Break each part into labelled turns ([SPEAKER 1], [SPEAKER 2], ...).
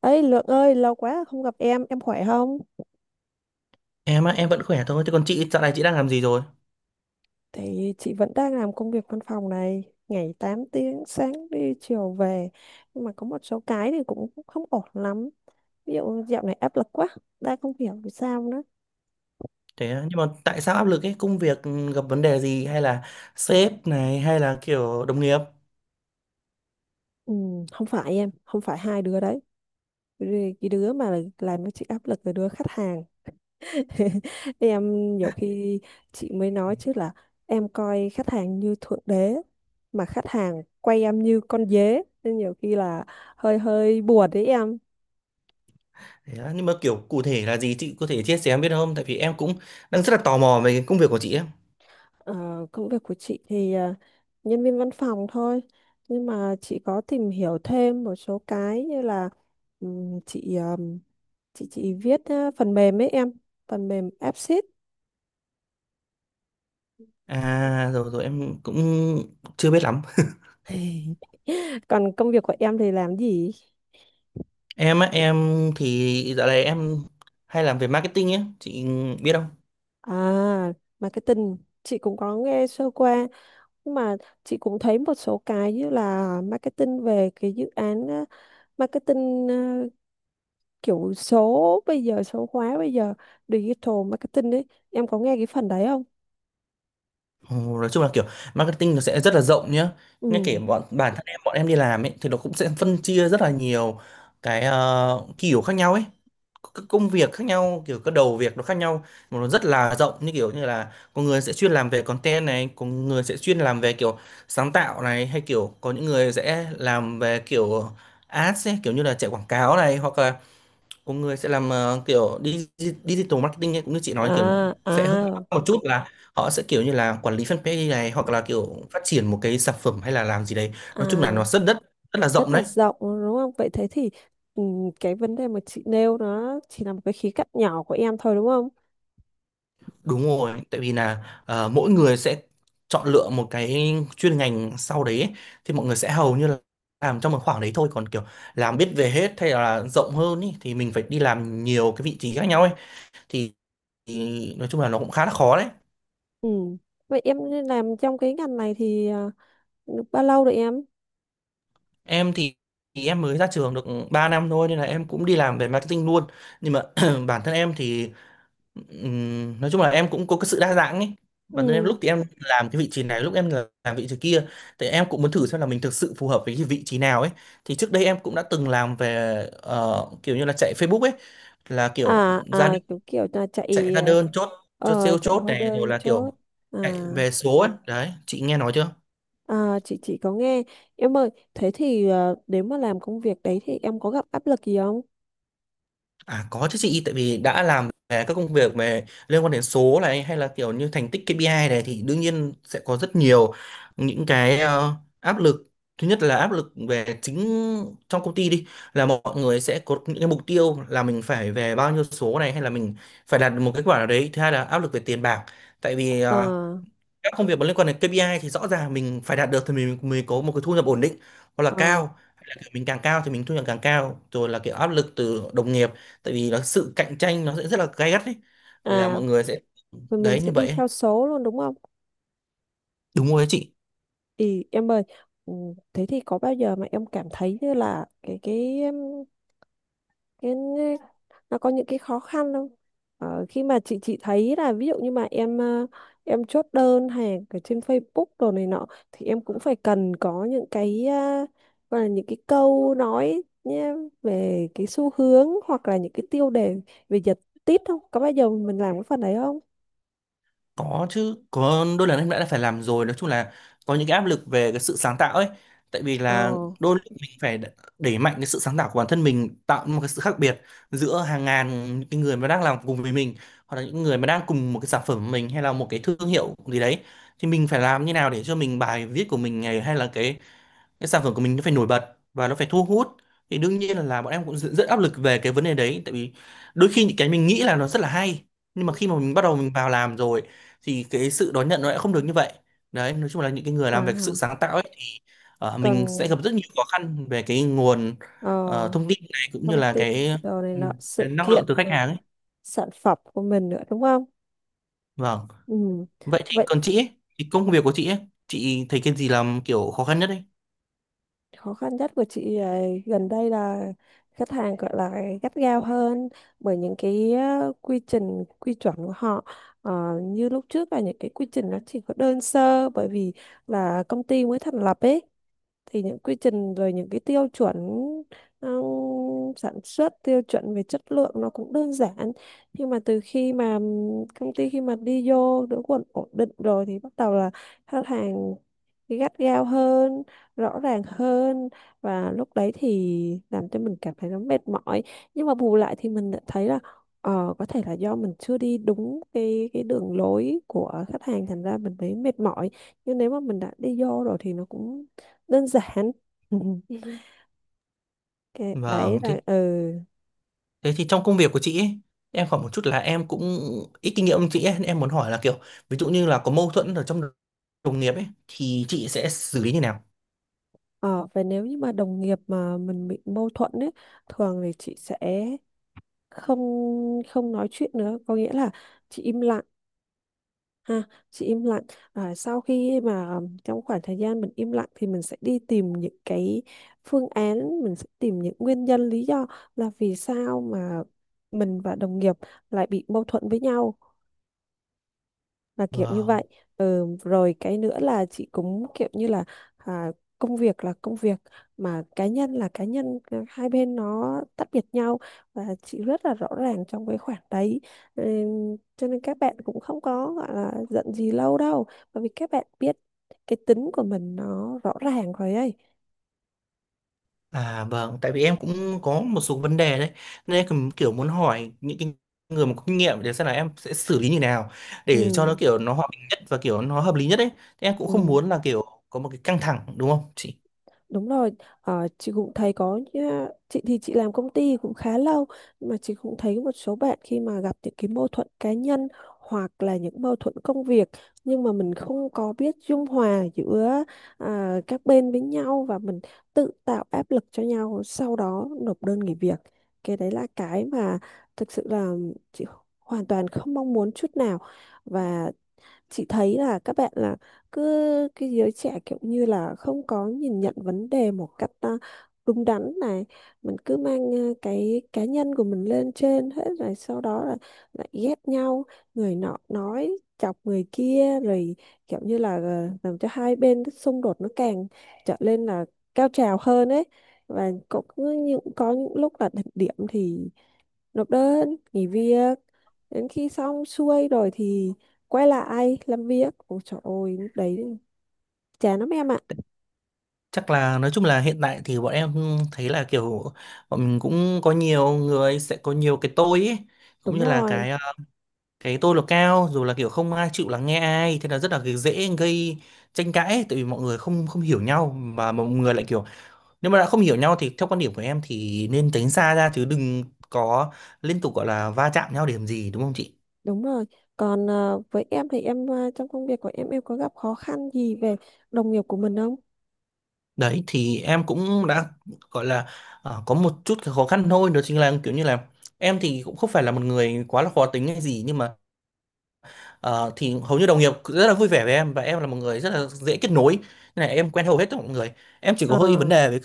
[SPEAKER 1] Lượng ơi, lâu quá không gặp em khỏe không?
[SPEAKER 2] Em á, em vẫn khỏe thôi. Thế còn chị, dạo này chị đang làm gì rồi?
[SPEAKER 1] Thì chị vẫn đang làm công việc văn phòng này, ngày 8 tiếng, sáng đi chiều về. Nhưng mà có một số cái thì cũng không ổn lắm. Ví dụ dạo này áp lực quá, đang không hiểu vì sao nữa.
[SPEAKER 2] Thế á, nhưng mà tại sao áp lực ấy? Công việc gặp vấn đề gì hay là sếp này hay là kiểu đồng nghiệp?
[SPEAKER 1] Ừ, không phải em, không phải hai đứa đấy. Vì cái đứa mà làm cho chị áp lực là đứa khách hàng. em nhiều khi chị mới nói chứ là em coi khách hàng như thượng đế mà khách hàng quay em như con dế nên nhiều khi là hơi hơi buồn đấy em.
[SPEAKER 2] Thế á, nhưng mà kiểu cụ thể là gì chị có thể chia sẻ em biết không? Tại vì em cũng đang rất là tò mò về cái công việc của chị ấy.
[SPEAKER 1] Ờ, công việc của chị thì nhân viên văn phòng thôi, nhưng mà chị có tìm hiểu thêm một số cái như là chị chị viết phần mềm ấy em, phần mềm Apsys.
[SPEAKER 2] À rồi rồi em cũng chưa biết lắm.
[SPEAKER 1] Còn công việc của em thì làm gì?
[SPEAKER 2] Em á, em thì dạo này em hay làm về marketing ấy, chị biết không?
[SPEAKER 1] À, marketing, chị cũng có nghe sơ qua. Nhưng mà chị cũng thấy một số cái như là marketing về cái dự án á, marketing kiểu số bây giờ số hóa bây giờ, digital marketing đấy, em có nghe cái phần đấy không?
[SPEAKER 2] Ồ, nói chung là kiểu marketing nó sẽ rất là rộng nhá, ngay kể
[SPEAKER 1] Ừ,
[SPEAKER 2] bản thân em bọn em đi làm ấy thì nó cũng sẽ phân chia rất là nhiều cái kiểu khác nhau ấy, các công việc khác nhau, kiểu các đầu việc nó khác nhau, mà nó rất là rộng, như kiểu như là có người sẽ chuyên làm về content này, có người sẽ chuyên làm về kiểu sáng tạo này, hay kiểu có những người sẽ làm về kiểu ads ấy, kiểu như là chạy quảng cáo này, hoặc là có người sẽ làm kiểu digital marketing ấy, cũng như chị nói kiểu
[SPEAKER 1] à à
[SPEAKER 2] sẽ hơi khác một chút là họ sẽ kiểu như là quản lý fanpage này, hoặc là kiểu phát triển một cái sản phẩm hay là làm gì đấy, nói chung là nó
[SPEAKER 1] à,
[SPEAKER 2] rất rất rất là
[SPEAKER 1] rất
[SPEAKER 2] rộng
[SPEAKER 1] là
[SPEAKER 2] đấy.
[SPEAKER 1] rộng đúng không? Vậy thế thì, ừ, cái vấn đề mà chị nêu nó chỉ là một cái khía cạnh nhỏ của em thôi đúng không?
[SPEAKER 2] Đúng rồi, tại vì là mỗi người sẽ chọn lựa một cái chuyên ngành sau đấy ấy. Thì mọi người sẽ hầu như là làm trong một khoảng đấy thôi, còn kiểu làm biết về hết hay là rộng hơn ý, thì mình phải đi làm nhiều cái vị trí khác nhau ấy, thì, thì nói chung là nó cũng khá là khó đấy.
[SPEAKER 1] Ừ. Vậy em làm trong cái ngành này thì, à, được bao lâu rồi em?
[SPEAKER 2] Em thì em mới ra trường được 3 năm thôi, nên là em cũng đi làm về marketing luôn. Nhưng mà bản thân em thì nói chung là em cũng có cái sự đa dạng ấy. Bản thân em
[SPEAKER 1] Ừ.
[SPEAKER 2] lúc thì em làm cái vị trí này, lúc em làm vị trí kia. Thì em cũng muốn thử xem là mình thực sự phù hợp với cái vị trí nào ấy. Thì trước đây em cũng đã từng làm về kiểu như là chạy Facebook ấy, là kiểu
[SPEAKER 1] À
[SPEAKER 2] ra đơn,
[SPEAKER 1] à, kiểu kiểu là
[SPEAKER 2] chạy
[SPEAKER 1] chạy,
[SPEAKER 2] ra đơn chốt chốt sale,
[SPEAKER 1] chạy
[SPEAKER 2] chốt
[SPEAKER 1] hóa
[SPEAKER 2] này rồi
[SPEAKER 1] đơn
[SPEAKER 2] là
[SPEAKER 1] chốt.
[SPEAKER 2] kiểu
[SPEAKER 1] À
[SPEAKER 2] chạy về số ấy. Đấy, chị nghe nói chưa?
[SPEAKER 1] à, chị có nghe. Em ơi thế thì, nếu mà làm công việc đấy thì em có gặp áp lực gì không?
[SPEAKER 2] À có chứ chị, tại vì đã làm về các công việc về liên quan đến số này hay là kiểu như thành tích KPI này thì đương nhiên sẽ có rất nhiều những cái áp lực. Thứ nhất là áp lực về chính trong công ty đi, là mọi người sẽ có những cái mục tiêu là mình phải về bao nhiêu số này, hay là mình phải đạt được một kết quả nào đấy. Thứ hai là áp lực về tiền bạc. Tại vì
[SPEAKER 1] Ờ,
[SPEAKER 2] các công việc mà liên quan đến KPI thì rõ ràng mình phải đạt được thì mình mới có một cái thu nhập ổn định, hoặc là
[SPEAKER 1] ờ,
[SPEAKER 2] cao hay là kiểu mình càng cao thì mình thu nhập càng cao, rồi là kiểu áp lực từ đồng nghiệp, tại vì nó sự cạnh tranh nó sẽ rất là gay gắt ấy, là
[SPEAKER 1] à,
[SPEAKER 2] mọi người sẽ
[SPEAKER 1] mình
[SPEAKER 2] đấy
[SPEAKER 1] sẽ
[SPEAKER 2] như
[SPEAKER 1] đi
[SPEAKER 2] vậy ấy.
[SPEAKER 1] theo số luôn đúng không?
[SPEAKER 2] Đúng rồi đấy chị.
[SPEAKER 1] Thì em ơi, ừ, thế thì có bao giờ mà em cảm thấy như là cái Thế nên nó có những cái khó khăn không? Ờ, khi mà chị thấy là ví dụ như mà em, em chốt đơn hàng ở trên Facebook đồ này nọ thì em cũng phải cần có những cái, gọi là những cái câu nói nhé, về cái xu hướng hoặc là những cái tiêu đề, về giật tít, không có bao giờ mình làm cái phần đấy không?
[SPEAKER 2] Có chứ, có đôi lần em đã phải làm rồi, nói chung là có những cái áp lực về cái sự sáng tạo ấy. Tại vì
[SPEAKER 1] Ờ,
[SPEAKER 2] là đôi lúc mình phải đẩy mạnh cái sự sáng tạo của bản thân mình, tạo một cái sự khác biệt giữa hàng ngàn những cái người mà đang làm cùng với mình, hoặc là những người mà đang cùng một cái sản phẩm của mình hay là một cái thương hiệu gì đấy. Thì mình phải làm như nào để cho mình bài viết của mình này, hay là cái sản phẩm của mình nó phải nổi bật và nó phải thu hút, thì đương nhiên là bọn em cũng rất, rất áp lực về cái vấn đề đấy, tại vì đôi khi những cái mình nghĩ là nó rất là hay, nhưng mà khi mà mình bắt đầu mình vào làm rồi thì cái sự đón nhận nó lại không được như vậy. Đấy, nói chung là những cái người làm về cái sự
[SPEAKER 1] à,
[SPEAKER 2] sáng tạo ấy thì mình sẽ
[SPEAKER 1] còn,
[SPEAKER 2] gặp rất nhiều khó khăn về cái nguồn
[SPEAKER 1] ờ,
[SPEAKER 2] thông tin này, cũng như
[SPEAKER 1] thông
[SPEAKER 2] là
[SPEAKER 1] tin, đồ này
[SPEAKER 2] ừ,
[SPEAKER 1] nọ
[SPEAKER 2] cái
[SPEAKER 1] sự
[SPEAKER 2] năng lượng
[SPEAKER 1] kiện
[SPEAKER 2] từ khách
[SPEAKER 1] này,
[SPEAKER 2] hàng ấy.
[SPEAKER 1] sản phẩm của mình nữa đúng không?
[SPEAKER 2] Vâng,
[SPEAKER 1] Ừ.
[SPEAKER 2] vậy thì
[SPEAKER 1] Vậy
[SPEAKER 2] còn chị ấy thì công việc của chị ấy, chị thấy cái gì làm kiểu khó khăn nhất ấy?
[SPEAKER 1] khó khăn nhất của chị, gần đây là khách hàng gọi là gắt gao hơn, bởi những cái, quy trình quy chuẩn của họ. Ờ, như lúc trước là những cái quy trình nó chỉ có đơn sơ, bởi vì là công ty mới thành lập ấy, thì những quy trình rồi những cái tiêu chuẩn, ừ, sản xuất tiêu chuẩn về chất lượng nó cũng đơn giản. Nhưng mà từ khi mà công ty khi mà đi vô đỡ quần ổn định rồi thì bắt đầu là khách hàng gắt gao hơn, rõ ràng hơn, và lúc đấy thì làm cho mình cảm thấy nó mệt mỏi. Nhưng mà bù lại thì mình lại thấy là, ờ, có thể là do mình chưa đi đúng cái đường lối của khách hàng thành ra mình thấy mệt mỏi. Nhưng nếu mà mình đã đi vô rồi thì nó cũng đơn giản. Cái đấy
[SPEAKER 2] Vâng, thế
[SPEAKER 1] là, ừ,
[SPEAKER 2] thế thì trong công việc của chị ấy, em hỏi một chút là em cũng ít kinh nghiệm hơn chị ấy, nên em muốn hỏi là kiểu ví dụ như là có mâu thuẫn ở trong đồng nghiệp ấy thì chị sẽ xử lý như nào?
[SPEAKER 1] ờ, và nếu như mà đồng nghiệp mà mình bị mâu thuẫn ấy, thường thì chị sẽ không, nói chuyện nữa, có nghĩa là chị im lặng. Ha, chị im lặng. À, sau khi mà trong khoảng thời gian mình im lặng thì mình sẽ đi tìm những cái phương án, mình sẽ tìm những nguyên nhân lý do là vì sao mà mình và đồng nghiệp lại bị mâu thuẫn với nhau, là kiểu như
[SPEAKER 2] Vâng.
[SPEAKER 1] vậy. Ừ, rồi cái nữa là chị cũng kiểu như là, à, công việc là công việc, mà cá nhân là cá nhân, à, hai bên nó tách biệt nhau, và chị rất là rõ ràng trong cái khoảng đấy. Ừ, cho nên các bạn cũng không có gọi là giận gì lâu đâu, bởi vì các bạn biết cái tính của mình nó rõ ràng rồi ấy.
[SPEAKER 2] À vâng, tại vì em cũng có một số vấn đề đấy nên em cũng kiểu muốn hỏi những cái người mà có kinh nghiệm để xem là em sẽ xử lý như nào để cho nó
[SPEAKER 1] Ừ,
[SPEAKER 2] kiểu nó hòa bình nhất và kiểu nó hợp lý nhất ấy. Thế em cũng không
[SPEAKER 1] ừ.
[SPEAKER 2] muốn là kiểu có một cái căng thẳng đúng không chị?
[SPEAKER 1] Đúng rồi, ờ, chị cũng thấy có chị thì chị làm công ty cũng khá lâu, nhưng mà chị cũng thấy một số bạn khi mà gặp những cái mâu thuẫn cá nhân hoặc là những mâu thuẫn công việc, nhưng mà mình không có biết dung hòa giữa, à, các bên với nhau, và mình tự tạo áp lực cho nhau sau đó nộp đơn nghỉ việc. Cái đấy là cái mà thực sự là chị hoàn toàn không mong muốn chút nào. Và chị thấy là các bạn là cứ cái giới trẻ kiểu như là không có nhìn nhận vấn đề một cách, à, đúng đắn này, mình cứ mang, à, cái cá nhân của mình lên trên hết rồi sau đó là lại ghét nhau, người nọ nói chọc người kia rồi kiểu như là, à, làm cho hai bên cái xung đột nó càng trở lên là cao trào hơn ấy. Và cũng có những lúc là đỉnh điểm thì nộp đơn nghỉ việc, đến khi xong xuôi rồi thì quay lại làm việc, ôi trời ơi lúc đấy chán lắm em ạ.
[SPEAKER 2] Chắc là nói chung là hiện tại thì bọn em thấy là kiểu bọn mình cũng có nhiều người sẽ có nhiều cái tôi ấy,
[SPEAKER 1] Đúng
[SPEAKER 2] cũng như là
[SPEAKER 1] rồi,
[SPEAKER 2] cái tôi là cao, rồi là kiểu không ai chịu lắng nghe ai, thế là rất là cái dễ gây tranh cãi ấy, tại vì mọi người không không hiểu nhau, mà mọi người lại kiểu nếu mà đã không hiểu nhau thì theo quan điểm của em thì nên tránh xa ra chứ đừng có liên tục gọi là va chạm nhau để làm gì, đúng không chị?
[SPEAKER 1] đúng rồi, còn, với em thì em, trong công việc của em có gặp khó khăn gì về đồng nghiệp của mình không?
[SPEAKER 2] Đấy thì em cũng đã gọi là có một chút cái khó khăn thôi, đó chính là kiểu như là em thì cũng không phải là một người quá là khó tính hay gì, nhưng mà ờ, thì hầu như đồng nghiệp rất là vui vẻ với em và em là một người rất là dễ kết nối, nên là em quen hầu hết tất cả mọi người. Em chỉ có
[SPEAKER 1] Ờ,
[SPEAKER 2] hơi vấn đề với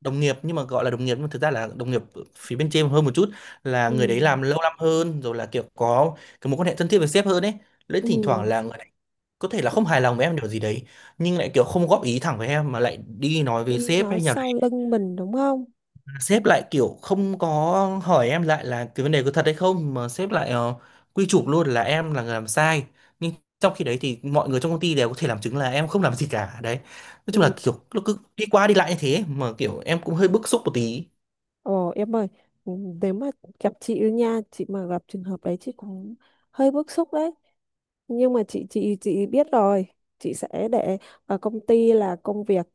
[SPEAKER 2] đồng nghiệp, nhưng mà gọi là đồng nghiệp nhưng mà thực ra là đồng nghiệp phía bên trên hơn một chút, là
[SPEAKER 1] ừ.
[SPEAKER 2] người đấy làm lâu năm hơn, rồi là kiểu có cái mối quan hệ thân thiết với sếp hơn ấy, lấy
[SPEAKER 1] Ừ.
[SPEAKER 2] thỉnh thoảng là người đấy có thể là không hài lòng với em điều gì đấy, nhưng lại kiểu không góp ý thẳng với em mà lại đi nói với
[SPEAKER 1] Đi
[SPEAKER 2] sếp,
[SPEAKER 1] nói
[SPEAKER 2] hay nhà
[SPEAKER 1] sau lưng mình đúng không?
[SPEAKER 2] sếp lại kiểu không có hỏi em lại là cái vấn đề có thật hay không, mà sếp lại quy chụp luôn là em là người làm sai, nhưng trong khi đấy thì mọi người trong công ty đều có thể làm chứng là em không làm gì cả đấy, nói chung
[SPEAKER 1] Ừ.
[SPEAKER 2] là kiểu nó cứ đi qua đi lại như thế mà kiểu em cũng hơi bức xúc một tí.
[SPEAKER 1] Ồ em ơi, ừ, nếu mà gặp chị ấy nha, chị mà gặp trường hợp đấy chị cũng hơi bức xúc đấy. Nhưng mà chị biết rồi, chị sẽ để ở công ty là công việc,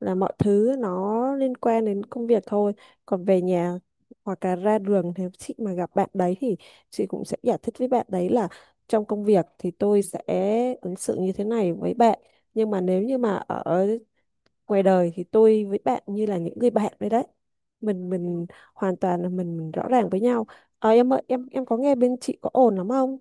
[SPEAKER 1] là mọi thứ nó liên quan đến công việc thôi. Còn về nhà hoặc là ra đường nếu chị mà gặp bạn đấy thì chị cũng sẽ giải thích với bạn đấy là trong công việc thì tôi sẽ ứng xử như thế này với bạn. Nhưng mà nếu như mà ở ngoài đời thì tôi với bạn như là những người bạn đấy đấy, mình hoàn toàn là mình rõ ràng với nhau. Ờ em ơi, em có nghe bên chị có ồn lắm không?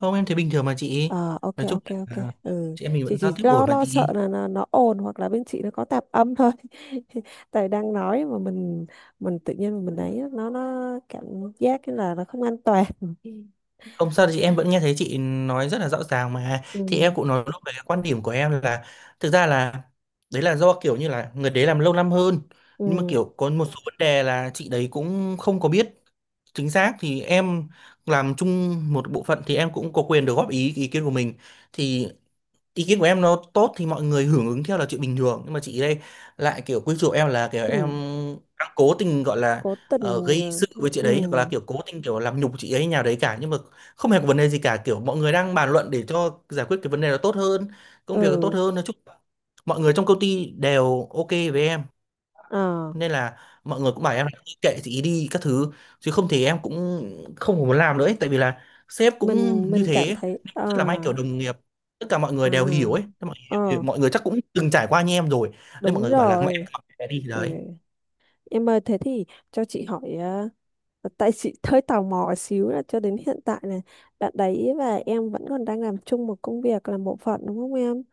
[SPEAKER 2] Không, em thấy bình thường mà chị,
[SPEAKER 1] Ờ ok
[SPEAKER 2] nói chung
[SPEAKER 1] ok ok,
[SPEAKER 2] là
[SPEAKER 1] ừ,
[SPEAKER 2] chị em mình
[SPEAKER 1] chị
[SPEAKER 2] vẫn giao
[SPEAKER 1] chỉ
[SPEAKER 2] tiếp
[SPEAKER 1] lo
[SPEAKER 2] ổn mà
[SPEAKER 1] lo sợ
[SPEAKER 2] chị.
[SPEAKER 1] là nó ồn hoặc là bên chị nó có tạp âm thôi. Tại đang nói mà mình tự nhiên mình ấy nó cảm giác như là nó không an toàn. Ừ.
[SPEAKER 2] Không sao chị, em vẫn nghe thấy chị nói rất là rõ ràng mà,
[SPEAKER 1] Ừ,
[SPEAKER 2] thì em cũng nói lúc về cái quan điểm của em là thực ra là đấy là do kiểu như là người đấy làm lâu năm hơn,
[SPEAKER 1] ừ,
[SPEAKER 2] nhưng mà kiểu có một số vấn đề là chị đấy cũng không có biết chính xác, thì em làm chung một bộ phận thì em cũng có quyền được góp ý ý kiến của mình, thì ý kiến của em nó tốt thì mọi người hưởng ứng theo là chuyện bình thường, nhưng mà chị đây lại kiểu quy chụp em là kiểu
[SPEAKER 1] ừ.
[SPEAKER 2] em đang cố tình gọi là
[SPEAKER 1] Cố tình,
[SPEAKER 2] gây sự với chị
[SPEAKER 1] ừ,
[SPEAKER 2] đấy hoặc là kiểu cố tình kiểu làm nhục chị ấy nhà đấy cả, nhưng mà không hề có vấn đề gì cả, kiểu mọi người đang bàn luận để cho giải quyết cái vấn đề đó tốt hơn, công việc nó tốt
[SPEAKER 1] ừ,
[SPEAKER 2] hơn, nói chung là mọi người trong công ty đều ok với em,
[SPEAKER 1] ờ,
[SPEAKER 2] nên là mọi người cũng bảo em là kệ chị ý đi các thứ, chứ không thì em cũng không muốn làm nữa ấy. Tại vì là sếp cũng
[SPEAKER 1] mình
[SPEAKER 2] như
[SPEAKER 1] mình cảm
[SPEAKER 2] thế,
[SPEAKER 1] thấy à.
[SPEAKER 2] rất là may kiểu đồng nghiệp tất cả mọi người đều hiểu
[SPEAKER 1] À,
[SPEAKER 2] ấy. Thế mọi,
[SPEAKER 1] ờ,
[SPEAKER 2] mọi người chắc cũng từng trải qua như em rồi, nên mọi
[SPEAKER 1] đúng
[SPEAKER 2] người bảo là mẹ
[SPEAKER 1] rồi.
[SPEAKER 2] em học cái đi thì
[SPEAKER 1] Ừ.
[SPEAKER 2] đấy.
[SPEAKER 1] Em ơi, thế thì cho chị hỏi, à, tại chị hơi tò mò xíu là cho đến hiện tại này, bạn đấy và em vẫn còn đang làm chung một công việc, làm bộ phận đúng không em?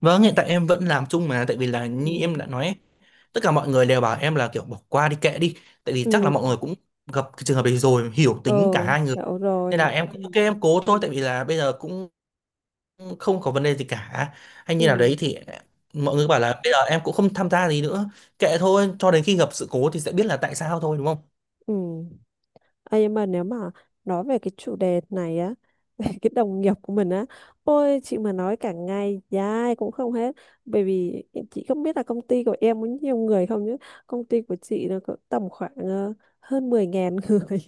[SPEAKER 2] Vâng, hiện tại em vẫn làm chung mà, tại vì là như em
[SPEAKER 1] Ừ,
[SPEAKER 2] đã nói ấy, tất cả mọi người đều bảo em là kiểu bỏ qua đi kệ đi, tại vì chắc là
[SPEAKER 1] ừ,
[SPEAKER 2] mọi người cũng gặp cái trường hợp đấy rồi hiểu tính cả
[SPEAKER 1] ờ,
[SPEAKER 2] hai người,
[SPEAKER 1] hiểu
[SPEAKER 2] nên là
[SPEAKER 1] rồi.
[SPEAKER 2] em
[SPEAKER 1] Ừ,
[SPEAKER 2] cũng ok em cố thôi, tại vì là bây giờ cũng không có vấn đề gì cả hay
[SPEAKER 1] ừ,
[SPEAKER 2] như nào đấy thì mọi người bảo là bây giờ em cũng không tham gia gì nữa, kệ thôi cho đến khi gặp sự cố thì sẽ biết là tại sao thôi đúng không.
[SPEAKER 1] ừ. Ê, nhưng mà nếu mà nói về cái chủ đề này á, về cái đồng nghiệp của mình á, ôi chị mà nói cả ngày dài cũng không hết, bởi vì chị không biết là công ty của em có nhiều người không, chứ công ty của chị nó có tầm khoảng, hơn 10.000 người,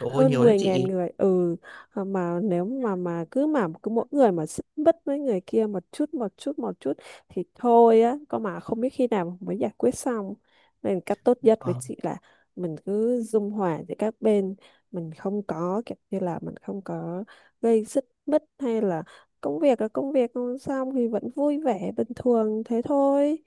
[SPEAKER 2] Trời ơi
[SPEAKER 1] hơn
[SPEAKER 2] nhiều đấy
[SPEAKER 1] mười ngàn
[SPEAKER 2] chị.
[SPEAKER 1] người Ừ. Ờ, mà nếu mà cứ mỗi người mà xích mích với người kia một chút một chút một chút thì thôi á, có mà không biết khi nào mới giải quyết xong. Nên cách tốt nhất với
[SPEAKER 2] Vâng.
[SPEAKER 1] chị là mình cứ dung hòa giữa các bên, mình không có kiểu như là mình không có gây xích mích, hay là công việc là công việc, không xong thì vẫn vui vẻ bình thường thế thôi,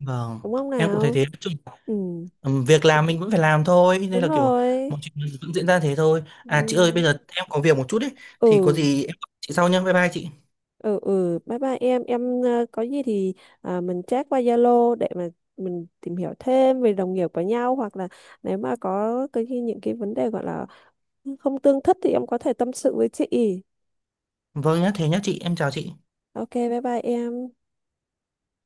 [SPEAKER 2] Vâng,
[SPEAKER 1] đúng không
[SPEAKER 2] em cũng thấy
[SPEAKER 1] nào?
[SPEAKER 2] thế. Chứ,
[SPEAKER 1] Ừ,
[SPEAKER 2] việc làm mình vẫn phải làm thôi, nên
[SPEAKER 1] đúng
[SPEAKER 2] là kiểu
[SPEAKER 1] rồi,
[SPEAKER 2] mọi chuyện vẫn diễn ra thế thôi.
[SPEAKER 1] ừ.
[SPEAKER 2] À chị ơi, bây giờ em có việc một chút đấy, thì có
[SPEAKER 1] Ừ,
[SPEAKER 2] gì em gọi chị sau nhá. Bye bye chị.
[SPEAKER 1] ừ, ừ, bye bye em. Em, có gì thì, à, mình chat qua Zalo để mà mình tìm hiểu thêm về đồng nghiệp của nhau, hoặc là nếu mà có cái những cái vấn đề gọi là không tương thích thì em có thể tâm sự với chị.
[SPEAKER 2] Vâng nhá, thế nhá chị, em chào chị.
[SPEAKER 1] Ok bye bye em.